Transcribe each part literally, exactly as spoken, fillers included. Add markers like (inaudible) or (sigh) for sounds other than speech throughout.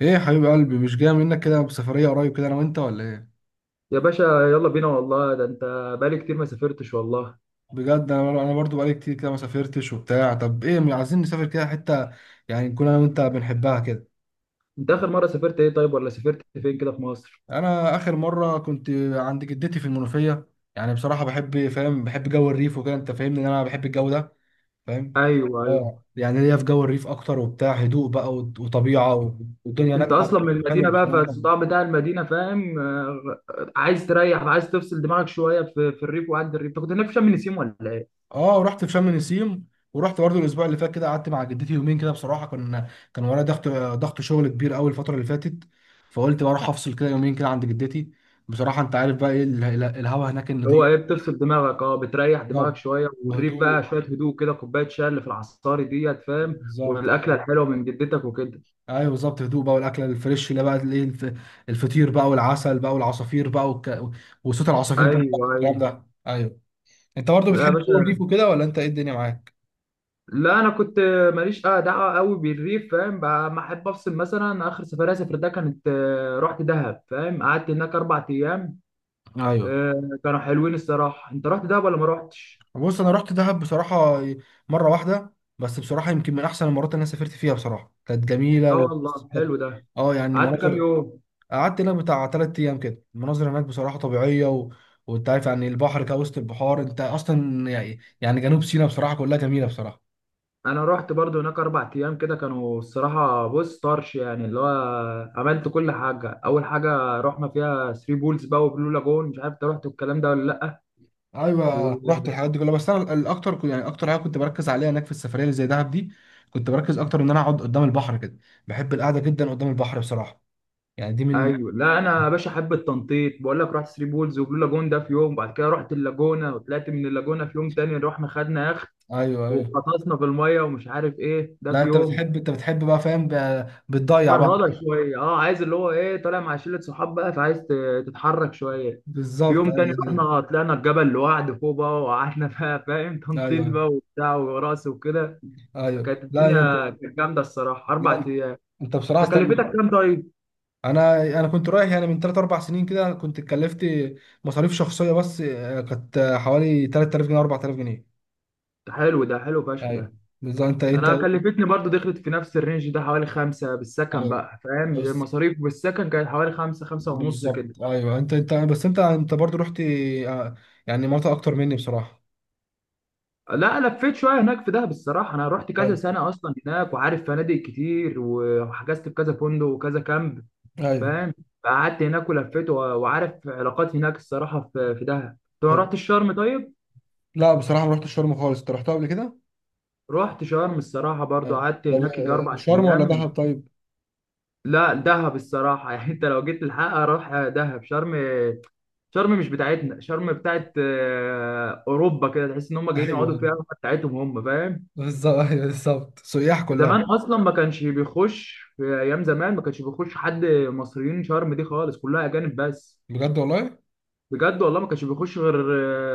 ايه يا حبيب قلبي، مش جاي منك كده بسفرية قريب كده انا وانت ولا ايه؟ يا باشا، يلا بينا والله. ده انت بقالي كتير ما سافرتش والله. بجد انا انا برضو بقالي كتير كده ما سافرتش وبتاع. طب ايه، م- عايزين نسافر كده حتة، يعني نكون انا وانت بنحبها كده. انت اخر مرة سافرت ايه طيب، ولا سافرت فين كده في مصر؟ انا اخر مرة كنت عند جدتي في المنوفية. يعني بصراحة بحب، فاهم، بحب جو الريف وكده. انت فاهمني ان انا بحب الجو ده، فاهم؟ ايوه ايوه. اه، يعني ليا في جو الريف اكتر وبتاع، هدوء بقى وط- وطبيعة، والدنيا انت هناك اصلا من حلوة المدينة بقى، بصراحة. فالصداع بتاع المدينة فاهم، آه، عايز تريح، عايز تفصل دماغك شوية في, في الريف، وعند الريف انت كنت هناك في شم النسيم ولا ايه؟ اه رحت في شم نسيم، ورحت برضه الاسبوع اللي فات كده، قعدت مع جدتي يومين كده. بصراحه كان، كان ورايا ضغط، ضغط شغل كبير قوي الفتره اللي فاتت، فقلت بروح افصل كده يومين كده عند جدتي. بصراحه انت عارف بقى ايه ال- ال- الهوا هناك اللي هو ايه، النضيف. بتفصل دماغك، اه بتريح دماغك بالظبط، شوية، والريف بقى وهدوء، شوية هدوء كده، كوباية شاي اللي في العصاري ديت فاهم، بالظبط. آه. والاكلة الحلوة من جدتك وكده. ايوه بالظبط، هدوء بقى والاكل الفريش، اللي بقى الايه، الف- الفطير بقى والعسل بقى والعصافير بقى والك... وصوت العصافير ايوه جنبك والكلام ايوه. ده. ايوه، انت برضه لا يا بتحب جو الريف باشا، وكده ولا انت ايه، الدنيا معاك؟ لا انا كنت ماليش آه دعوه قوي بالريف فاهم بقى، ما احب افصل. مثلا اخر سفريه سافرتها كانت آه، رحت دهب فاهم، قعدت هناك اربع ايام. ايوه، آه، كانوا حلوين الصراحه. انت رحت دهب ولا ما رحتش؟ بص، انا رحت دهب بصراحه مره واحده، بس بصراحه يمكن من احسن المرات اللي انا سافرت فيها. بصراحه كانت جميله لا و والله كانت- حلو ده. اه، يعني قعدت كام المناظر. يوم؟ قعدت لها بتاع تلات ايام كده، المناظر هناك بصراحه طبيعيه و... وانت عارف، يعني البحر كده وسط البحار، انت اصلا يعني، يعني جنوب سيناء بصراحه كلها جميله بصراحه. انا رحت برضو هناك اربع ايام كده، كانوا الصراحه، بص طرش يعني، اللي هو عملت كل حاجه. اول حاجه رحنا فيها ثري بولز بقى وبلو لاجون، مش عارف انت رحت الكلام ده ولا ايوه رحت لا؟ الحاجات دي كلها، بس انا الاكتر، يعني اكتر حاجه كنت بركز عليها هناك في السفريه اللي زي دهب دي، كنت بركز اكتر ان انا اقعد قدام البحر كده. بحب القعده جدا قدام البحر بصراحه، يعني دي من. ايوه. لا انا يا باشا حب التنطيط، بقول لك رحت ثري بولز وبلو لاجون ده في يوم، وبعد كده رحت اللاجونه وطلعت من اللاجونه في يوم تاني، رحنا خدنا يخت ايوه ايوه، وغطسنا في الميه ومش عارف ايه ده لا في انت يوم. بتحب، انت بتحب بقى، فاهم، ب- بتضيع بقى. فرهضه شويه، اه عايز اللي هو ايه، طالع مع شله صحاب بقى، فعايز ت- تتحرك شويه. في بالظبط، يوم ايوه تاني ده حقيقي. رحنا طلعنا الجبل لوحد فوق بقى وقعدنا (laughs) بقى فاهم، ايوه تنطيط بقى وبتاع ورقص وكده. ايوه، فكانت لا انت، الدنيا كانت جامده الصراحه اربع لا ايام. انت بصراحه است- تكلفتك كام طيب؟ انا انا كنت رايح يعني من ثلاثة اربع سنين كده، كنت اتكلفت مصاريف شخصيه بس. آه، كانت حوالي تلات آلاف جنيه اربعة آلاف جنيه. ده حلو، ده حلو فشخ ايوه ده. بالظبط، انت انا انت. كلفتني برضو، دخلت في نفس الرينج ده، حوالي خمسة بالسكن ايوه بقى فاهم، بس. المصاريف بالسكن كانت حوالي خمسة، خمسة ونص كده. بالظبط، ايوه انت انت بس، انت انت برضو رحت، آه، يعني مناطق اكتر مني بصراحه. لا لفيت شوية هناك في دهب الصراحة، انا رحت كذا ايوه سنة اصلا هناك، وعارف فنادق كتير وحجزت في كذا فندق وكذا كامب ايوه. فاهم، قعدت هناك ولفيت و- وعارف علاقات هناك الصراحة في في دهب. طب ما طب، رحت الشرم طيب؟ لا بصراحه ما رحتش شرم خالص، انت رحتها قبل كده؟ رحت شرم الصراحة برضو، ايوه، قعدت طب هناك يجي آه، أربع شرم ولا دهب أيام. طيب؟ لا دهب الصراحة (laughs) يعني أنت لو جيت الحق أروح دهب شرم. شرم مش بتاعتنا، شرم بتاعت آه، اوروبا كده، تحس ان هم ايوه جايين يقعدوا ايوه، فيها، بتاعتهم هم فاهم. بالظبط، ايوه بالظبط، سياح كلها. زمان اصلا ما كانش بيخش، في ايام زمان ما كانش بيخش حد مصريين شرم دي خالص، كلها اجانب بس. بجد والله؟ بجد والله، ما كانش بيخش غير،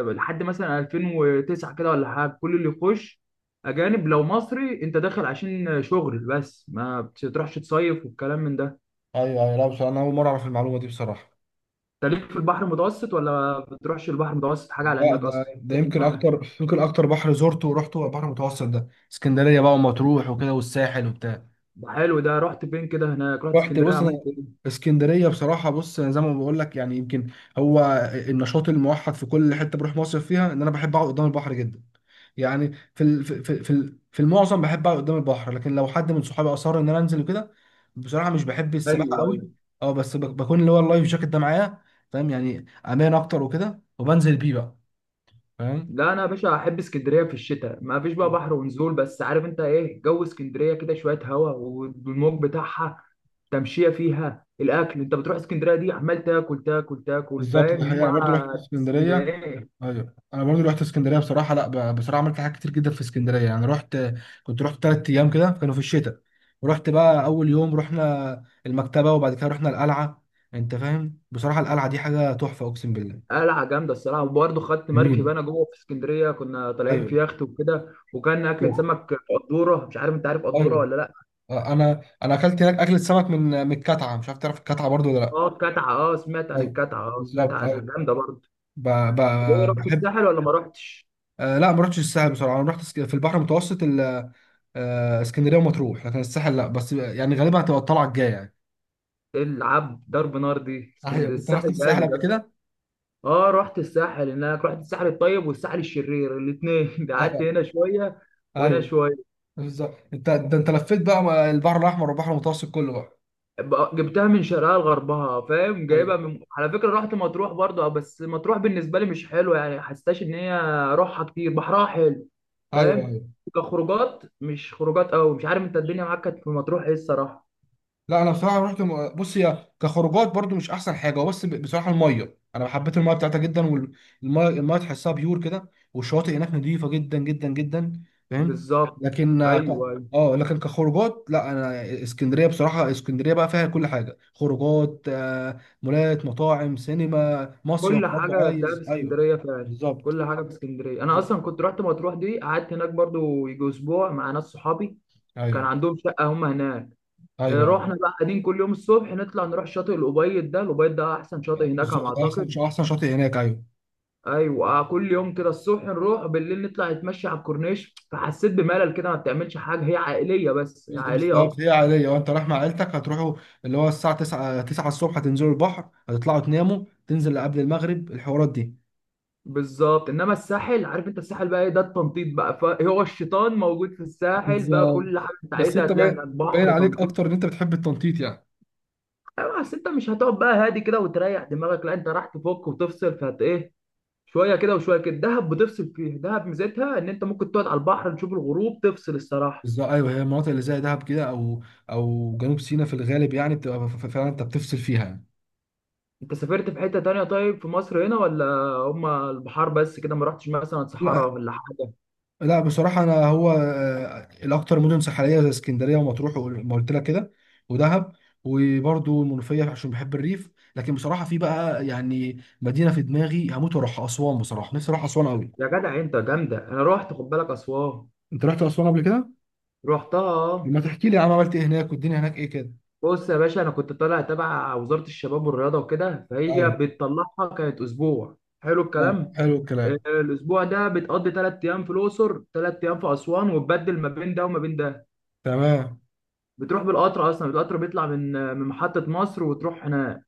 آه، لحد مثلا ألفين وتسعة كده ولا حاجه، كل اللي يخش اجانب. لو مصري انت داخل عشان شغل بس، ما بتروحش تصيف والكلام من ده. ايوه ايوه، لا بصراحه انا اول مره اعرف المعلومه دي بصراحه. انت ليك في البحر المتوسط ولا بتروحش البحر المتوسط حاجه على لا، هناك ده اصلا؟ ده يمكن اكتر، يمكن اكتر بحر زرته ورحته هو البحر المتوسط ده، اسكندريه بقى ومطروح وكده والساحل وبتاع. ده حلو، ده رحت فين كده هناك، رحت رحت، اسكندريه بص أنا، عملت ايه؟ اسكندريه بصراحه، بص أنا زي ما بقول لك يعني، يمكن هو النشاط الموحد في كل حته بروح مصيف فيها، ان انا بحب اقعد قدام البحر جدا. يعني في ال- في في في ال- في المعظم بحب اقعد قدام البحر، لكن لو حد من صحابي اصر ان انا انزل وكده، بصراحه مش بحب السباحه ايوه قوي. ايوه. اه بس ب- بكون اللي هو اللايف جاكيت ده معايا، فاهم، يعني امان اكتر وكده، وبنزل بيه بقى، فاهم. لا انا يا باشا احب اسكندريه في الشتاء، ما فيش بقى بحر ونزول، بس عارف انت ايه، جو اسكندريه كده شويه هوا والموج بتاعها، تمشيه فيها، الاكل. انت بتروح اسكندريه دي عمال تاكل تاكل تاكل بالظبط، دي فاهم، حقيقة. أنا مع برضو رحت اسكندرية. اسكندريه. أيوة، أنا برضو رحت اسكندرية بصراحة. لا ب- بصراحة عملت حاجات كتير جدا في اسكندرية. يعني رحت، كنت رحت تلات أيام كده، كانوا في الشتاء، ورحت بقى أول يوم رحنا المكتبة، وبعد كده رحنا القلعة. أنت فاهم، بصراحة القلعة دي حاجة تحفة أقسم بالله. قلعه جامده الصراحه، وبرضه خدت مركب جميلة، انا جوه في اسكندريه، كنا طالعين أيوة، في يخت وكده، وكان اكله طب. سمك. قدوره، مش عارف انت عارف قدوره أيوة، ولا لا؟ أنا أنا أكلت هناك أكلة سمك من، من الكتعة، مش عارف تعرف الكتعة برضو ولا لأ. اه الكتعه، اه سمعت عن أيوة الكتعه، اه سمعت بالظبط، عنها أيوة جامده برضه. ب... ب... ايه رحت بحب الساحل ولا ما رحتش؟ آه لا ما رحتش الساحل بصراحة. أنا رحت في البحر المتوسط، آه، اسكندريه ومطروح، لكن الساحل لا، بس يعني غالبا هتبقى الطلعه الجايه يعني. ايه العب ضرب نار دي، ايوه، اسكندريه، انت رحت الساحل الساحل جامد قبل اصلا. كده؟ اه رحت الساحل هناك، رحت الساحل الطيب والساحل الشرير الاثنين (laughs) ده آه، قعدت آه، هنا شويه وهنا ايوه، شويه. بالظبط انت، ده انت لفيت بقى البحر الاحمر والبحر المتوسط كله بقى. بقى- جبتها من شرقها لغربها فاهم، ايوه جايبها من، على فكره رحت مطروح برضه، اه، بس مطروح بالنسبه لي مش حلوه، يعني حسيتهاش ان هي روحها كتير، بحرها حلو ايوه. فاهم، ايوه كخروجات مش خروجات قوي. مش عارف انت الدنيا معاك كانت في مطروح ايه الصراحه؟ لا، انا بصراحه رحت م- بص، هي كخروجات برضو مش احسن حاجه، هو بس ب- بصراحه الميه، انا حبيت الميه بتاعتها جدا، والميه، الميه تحسها بيور كده، والشواطئ هناك نظيفه جدا جدا جدا، فاهم. بالظبط، لكن آه، ك- ايوه ايوه. اه لكن كخروجات لا، انا اسكندريه بصراحه، اسكندريه بقى فيها كل حاجه، خروجات آه، مولات، مطاعم، سينما، مصيف كل برضو حاجة هتلاقيها في عايز، ايوه اسكندرية فعلا، بالظبط. كل حاجة في اسكندرية. أنا بالظبط أصلا كنت رحت مطروح دي، قعدت هناك برضو يجي أسبوع مع ناس صحابي، كان ايوه عندهم شقة هم هناك. آه، ايوه. رحنا بقى قاعدين كل يوم الصبح، نطلع نروح شاطئ الأبيض، ده الأبيض ده أحسن شاطئ هناك على ما بالظبط، احسن أعتقد. احسن شاطئ هناك، ايوه. أيوة، آه، كل يوم كده الصبح نروح، بالليل نطلع نتمشى على الكورنيش. فحسيت بملل كده، ما بتعملش حاجة، هي عائلية بس، عائلية أكتر. بالظبط، هي عادية، وانت رايح مع عيلتك هتروحوا، اللي هو الساعة 9 9 الصبح تنزلوا البحر، هتطلعوا تناموا، تنزل قبل المغرب الحوارات دي. بالظبط، انما الساحل، عارف انت الساحل بقى ايه، ده التنطيط بقى، فهو الشيطان موجود في الساحل بقى، بالظبط، كل حاجه انت بس عايزها انت هتلاقي هناك، باين، باين بحر، عليك تنطيط. اكتر ان انت بتحب التنطيط يعني. ايوه، اصل انت مش هتقعد بقى هادي كده وتريح دماغك، لا انت راح تفك وتفصل، فهت ايه، شويه كده وشويه كده. دهب بتفصل فيه، دهب ميزتها ان انت ممكن تقعد على البحر، تشوف الغروب، تفصل الصراحه. بالظبط ايوه، هي المناطق اللي زي دهب كده او او جنوب سيناء في الغالب، يعني بتبقى ف- ف- فعلا انت بتفصل فيها يعني. انت سافرت في حته تانية طيب في مصر هنا، ولا هما البحار بس كده، ما رحتش مثلا لا. صحراء ولا حاجه؟ لا بصراحة، أنا هو آه، الأكتر مدن ساحلية، زي اسكندرية ومطروح وما قلت لك كده، ودهب، وبرضه المنوفية عشان بحب الريف. لكن بصراحة في بقى يعني مدينة في دماغي هموت وأروحها، أسوان. بصراحة نفسي أروح أسوان أوي. يا جدع انت جامده، انا رحت خد بالك اسوان. أنت رحت أسوان قبل كده؟ رحتها آه. ما تحكي لي يا عم، عملت إيه هناك والدنيا هناك إيه كده؟ بص يا باشا، انا كنت طالع تبع وزاره الشباب والرياضه وكده، فهي أيوه، بتطلعها كانت اسبوع. حلو تمام الكلام. حلو آه، الكلام. الاسبوع ده بتقضي ثلاث ايام في الاقصر، ثلاث ايام في اسوان، وتبدل ما بين ده وما بين ده. تمام. بتروح بالقطر اصلا، القطر بيطلع من، آه، من محطه مصر وتروح هناك.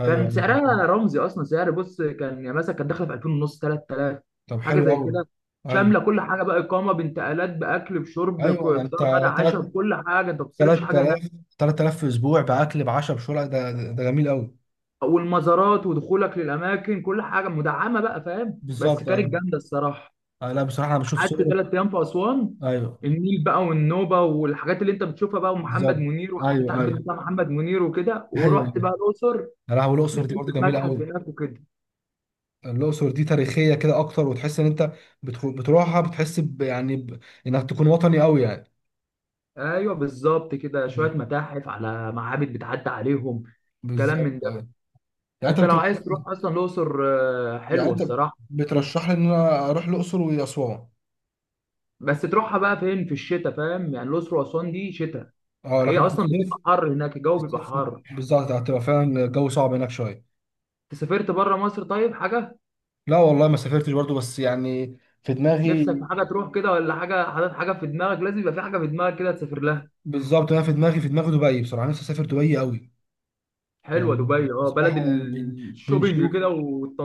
أيوه كان أيوه. سعرها رمزي اصلا، سعر بص كان يعني مثلا كان داخله في ألفين ونص، تلات آلاف طب حاجه حلو زي أوي. كده. أيوه شامله كل حاجه بقى، اقامه، بانتقالات، باكل، بشرب، أيوه، يعني ك- أنت، فطار، غدا، عشاء، تلات بكل حاجه، انت ما تلات بتصرفش حاجه هناك. آلاف تلات آلاف في أسبوع، بأكل بعشا بشرع، ده ده ده جميل أوي. والمزارات ودخولك للاماكن كل حاجه مدعمه بقى فاهم، بس بالظبط، أيوة. كانت جامده الصراحه. آه لا بصراحه انا بشوف قعدت صوره. ثلاث ايام في اسوان، ايوه النيل بقى والنوبه والحاجات اللي انت بتشوفها بقى، ومحمد بالظبط. منير وعديت ايوه على البيت ايوه. بتاع محمد منير وكده. ايوه ورحت بقى ايوه. الاقصر، يا لهوي، الاقصر دي دخلت برضو جميله المتحف قوي. هناك وكده. الاقصر دي تاريخيه كده اكتر، وتحس ان انت بتخو... بتروحها بتحس ب... يعني ب... انك تكون وطني قوي يعني. ايوه بالظبط، كده شويه أيوة. متاحف على معابد بتعدي عليهم، كلام بالظبط من ده. ايوه. يعني انت انت لو بترشح، عايز تروح اصلا الاقصر، آه، يعني حلوه انت الصراحه، بترشح لي ان انا اروح الاقصر واسوان. بس تروحها بقى فين، في الشتاء فاهم، يعني الاقصر واسوان دي شتاء، اه هي لكن في اصلا الصيف، بتبقى حر هناك، في الجو بيبقى الصيف، حر. بالظبط هتبقى فعلا الجو صعب هناك شويه. انت سافرت بره مصر طيب حاجه؟ لا والله ما سافرتش برضو، بس يعني في دماغي. نفسك في حاجه تروح كده، ولا حاجه حاطط حاجه في دماغك؟ لازم يبقى في حاجه في دماغك كده تسافر لها. بالظبط، انا في دماغي، في دماغي دبي بصراحه. نفسي اسافر دبي قوي. حلوه يعني دبي، اه بلد بصراحة يعني بن- الشوبينج بنشوف، كده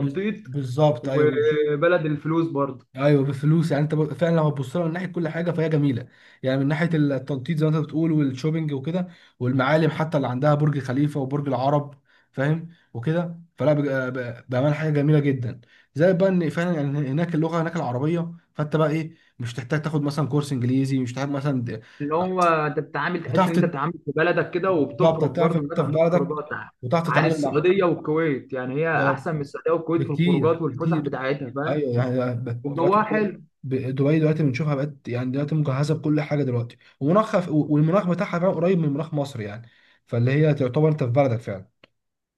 بز- بالظبط ايوه بنشوف. وبلد الفلوس برضه. ايوه، بفلوس، يعني انت ب- فعلا لو هتبص لها من ناحيه كل حاجه فهي جميله. يعني من ناحيه التنطيط زي ما انت بتقول، والشوبينج وكده، والمعالم حتى، اللي عندها برج خليفه وبرج العرب، فاهم، وكده، فلا بج- ب- بامانه حاجه جميله جدا. زي بقى ان فعلا يعني هناك، اللغه هناك العربيه، فانت بقى ايه، مش تحتاج تاخد مثلا كورس انجليزي، مش تحتاج مثلا د- اللي هو انت بتتعامل، تحس بتعرف ان انت تت- بتتعامل في بلدك كده، بالظبط، وبتخرج هتعرف برضه، هناك انت في عندهم بلدك، خروجات وتعرف عن تتعامل مع، السعوديه والكويت، يعني هي بالظبط. احسن من السعوديه والكويت في الخروجات بكتير والفسح كتير، بتاعتها فاهم، ايوه يعني ب- دلوقتي وجوها ب- حلو. دبي دلوقتي بنشوفها بقت، يعني دلوقتي مجهزه بكل حاجه دلوقتي، ومناخها والمناخ بتاعها فعلا قريب من مناخ مصر يعني، فاللي هي تعتبر انت في بلدك فعلا.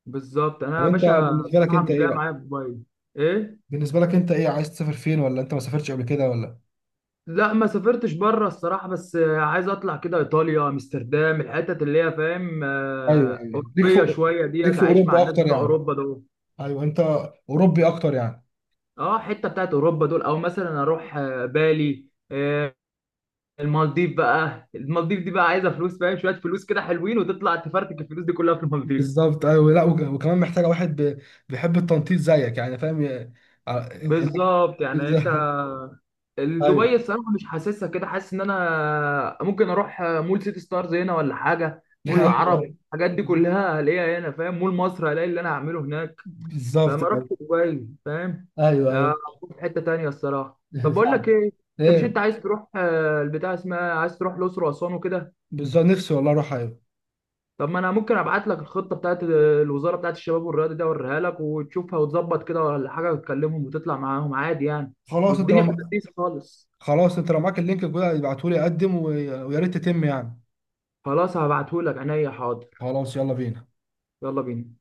بالظبط، انا طب يا انت باشا بالنسبه لك بصراحه انت مش ايه جايه بقى؟ معايا في دبي. ايه؟ بالنسبه لك انت ايه، عايز تسافر فين، ولا انت ما سافرتش قبل كده ولا؟ لا ما سافرتش بره الصراحه، بس آه، عايز اطلع كده ايطاليا، امستردام، الحتت اللي هي فاهم، ايوه، آه، يعني ليك في، اوروبيه شويه ليك ديت، في اعيش مع اوروبا الناس اكتر بتوع يعني. اوروبا دول. ايوه انت اوروبي اكتر يعني. اه حته بتاعت اوروبا دول، او مثلا اروح، آه، بالي، آه، المالديف بقى. المالديف دي بقى عايزه فلوس فاهم، شويه فلوس كده حلوين، وتطلع تفرتك الفلوس دي كلها في المالديف. بالظبط ايوه، لا وك- وكمان محتاجه واحد ب- بيحب التنطيط زيك يعني، فاهم، ي- ع- هناك. بالظبط، يعني انت بالظبط. (laughs) دبي ايوه. الصراحه مش حاسسها كده، حاسس ان انا ممكن اروح مول سيتي ستارز هنا ولا حاجه، (laughs) مول ايوه العرب، ايوه. الحاجات دي كلها هلاقيها هنا فاهم، مول مصر هلاقي اللي انا هعمله هناك. بالظبط فما اروحش ايوه. دبي فاهم، ايوه ايوه. آه، اروح في حته تانية الصراحه. (laughs) طب بقول صح. لك ايه، انت مش ايه، انت عايز تروح، آه، البتاع اسمها، عايز تروح الاقصر واسوان وكده؟ بالظبط، نفسي والله اروح، ايوه. طب ما انا ممكن ابعت لك الخطه بتاعت الوزاره بتاعت الشباب والرياضه دي، اوريها لك وتشوفها، وتظبط كده ولا حاجه، وتكلمهم وتطلع معاهم عادي يعني. خلاص، انت والدنيا في لو اللذيذ خالص. خلاص انت لو معاك اللينك كده ابعته لي اقدم، ويا ريت تتم يعني. خلاص هبعتهولك عينيا، حاضر. خلاص يلا بينا. يلا بينا.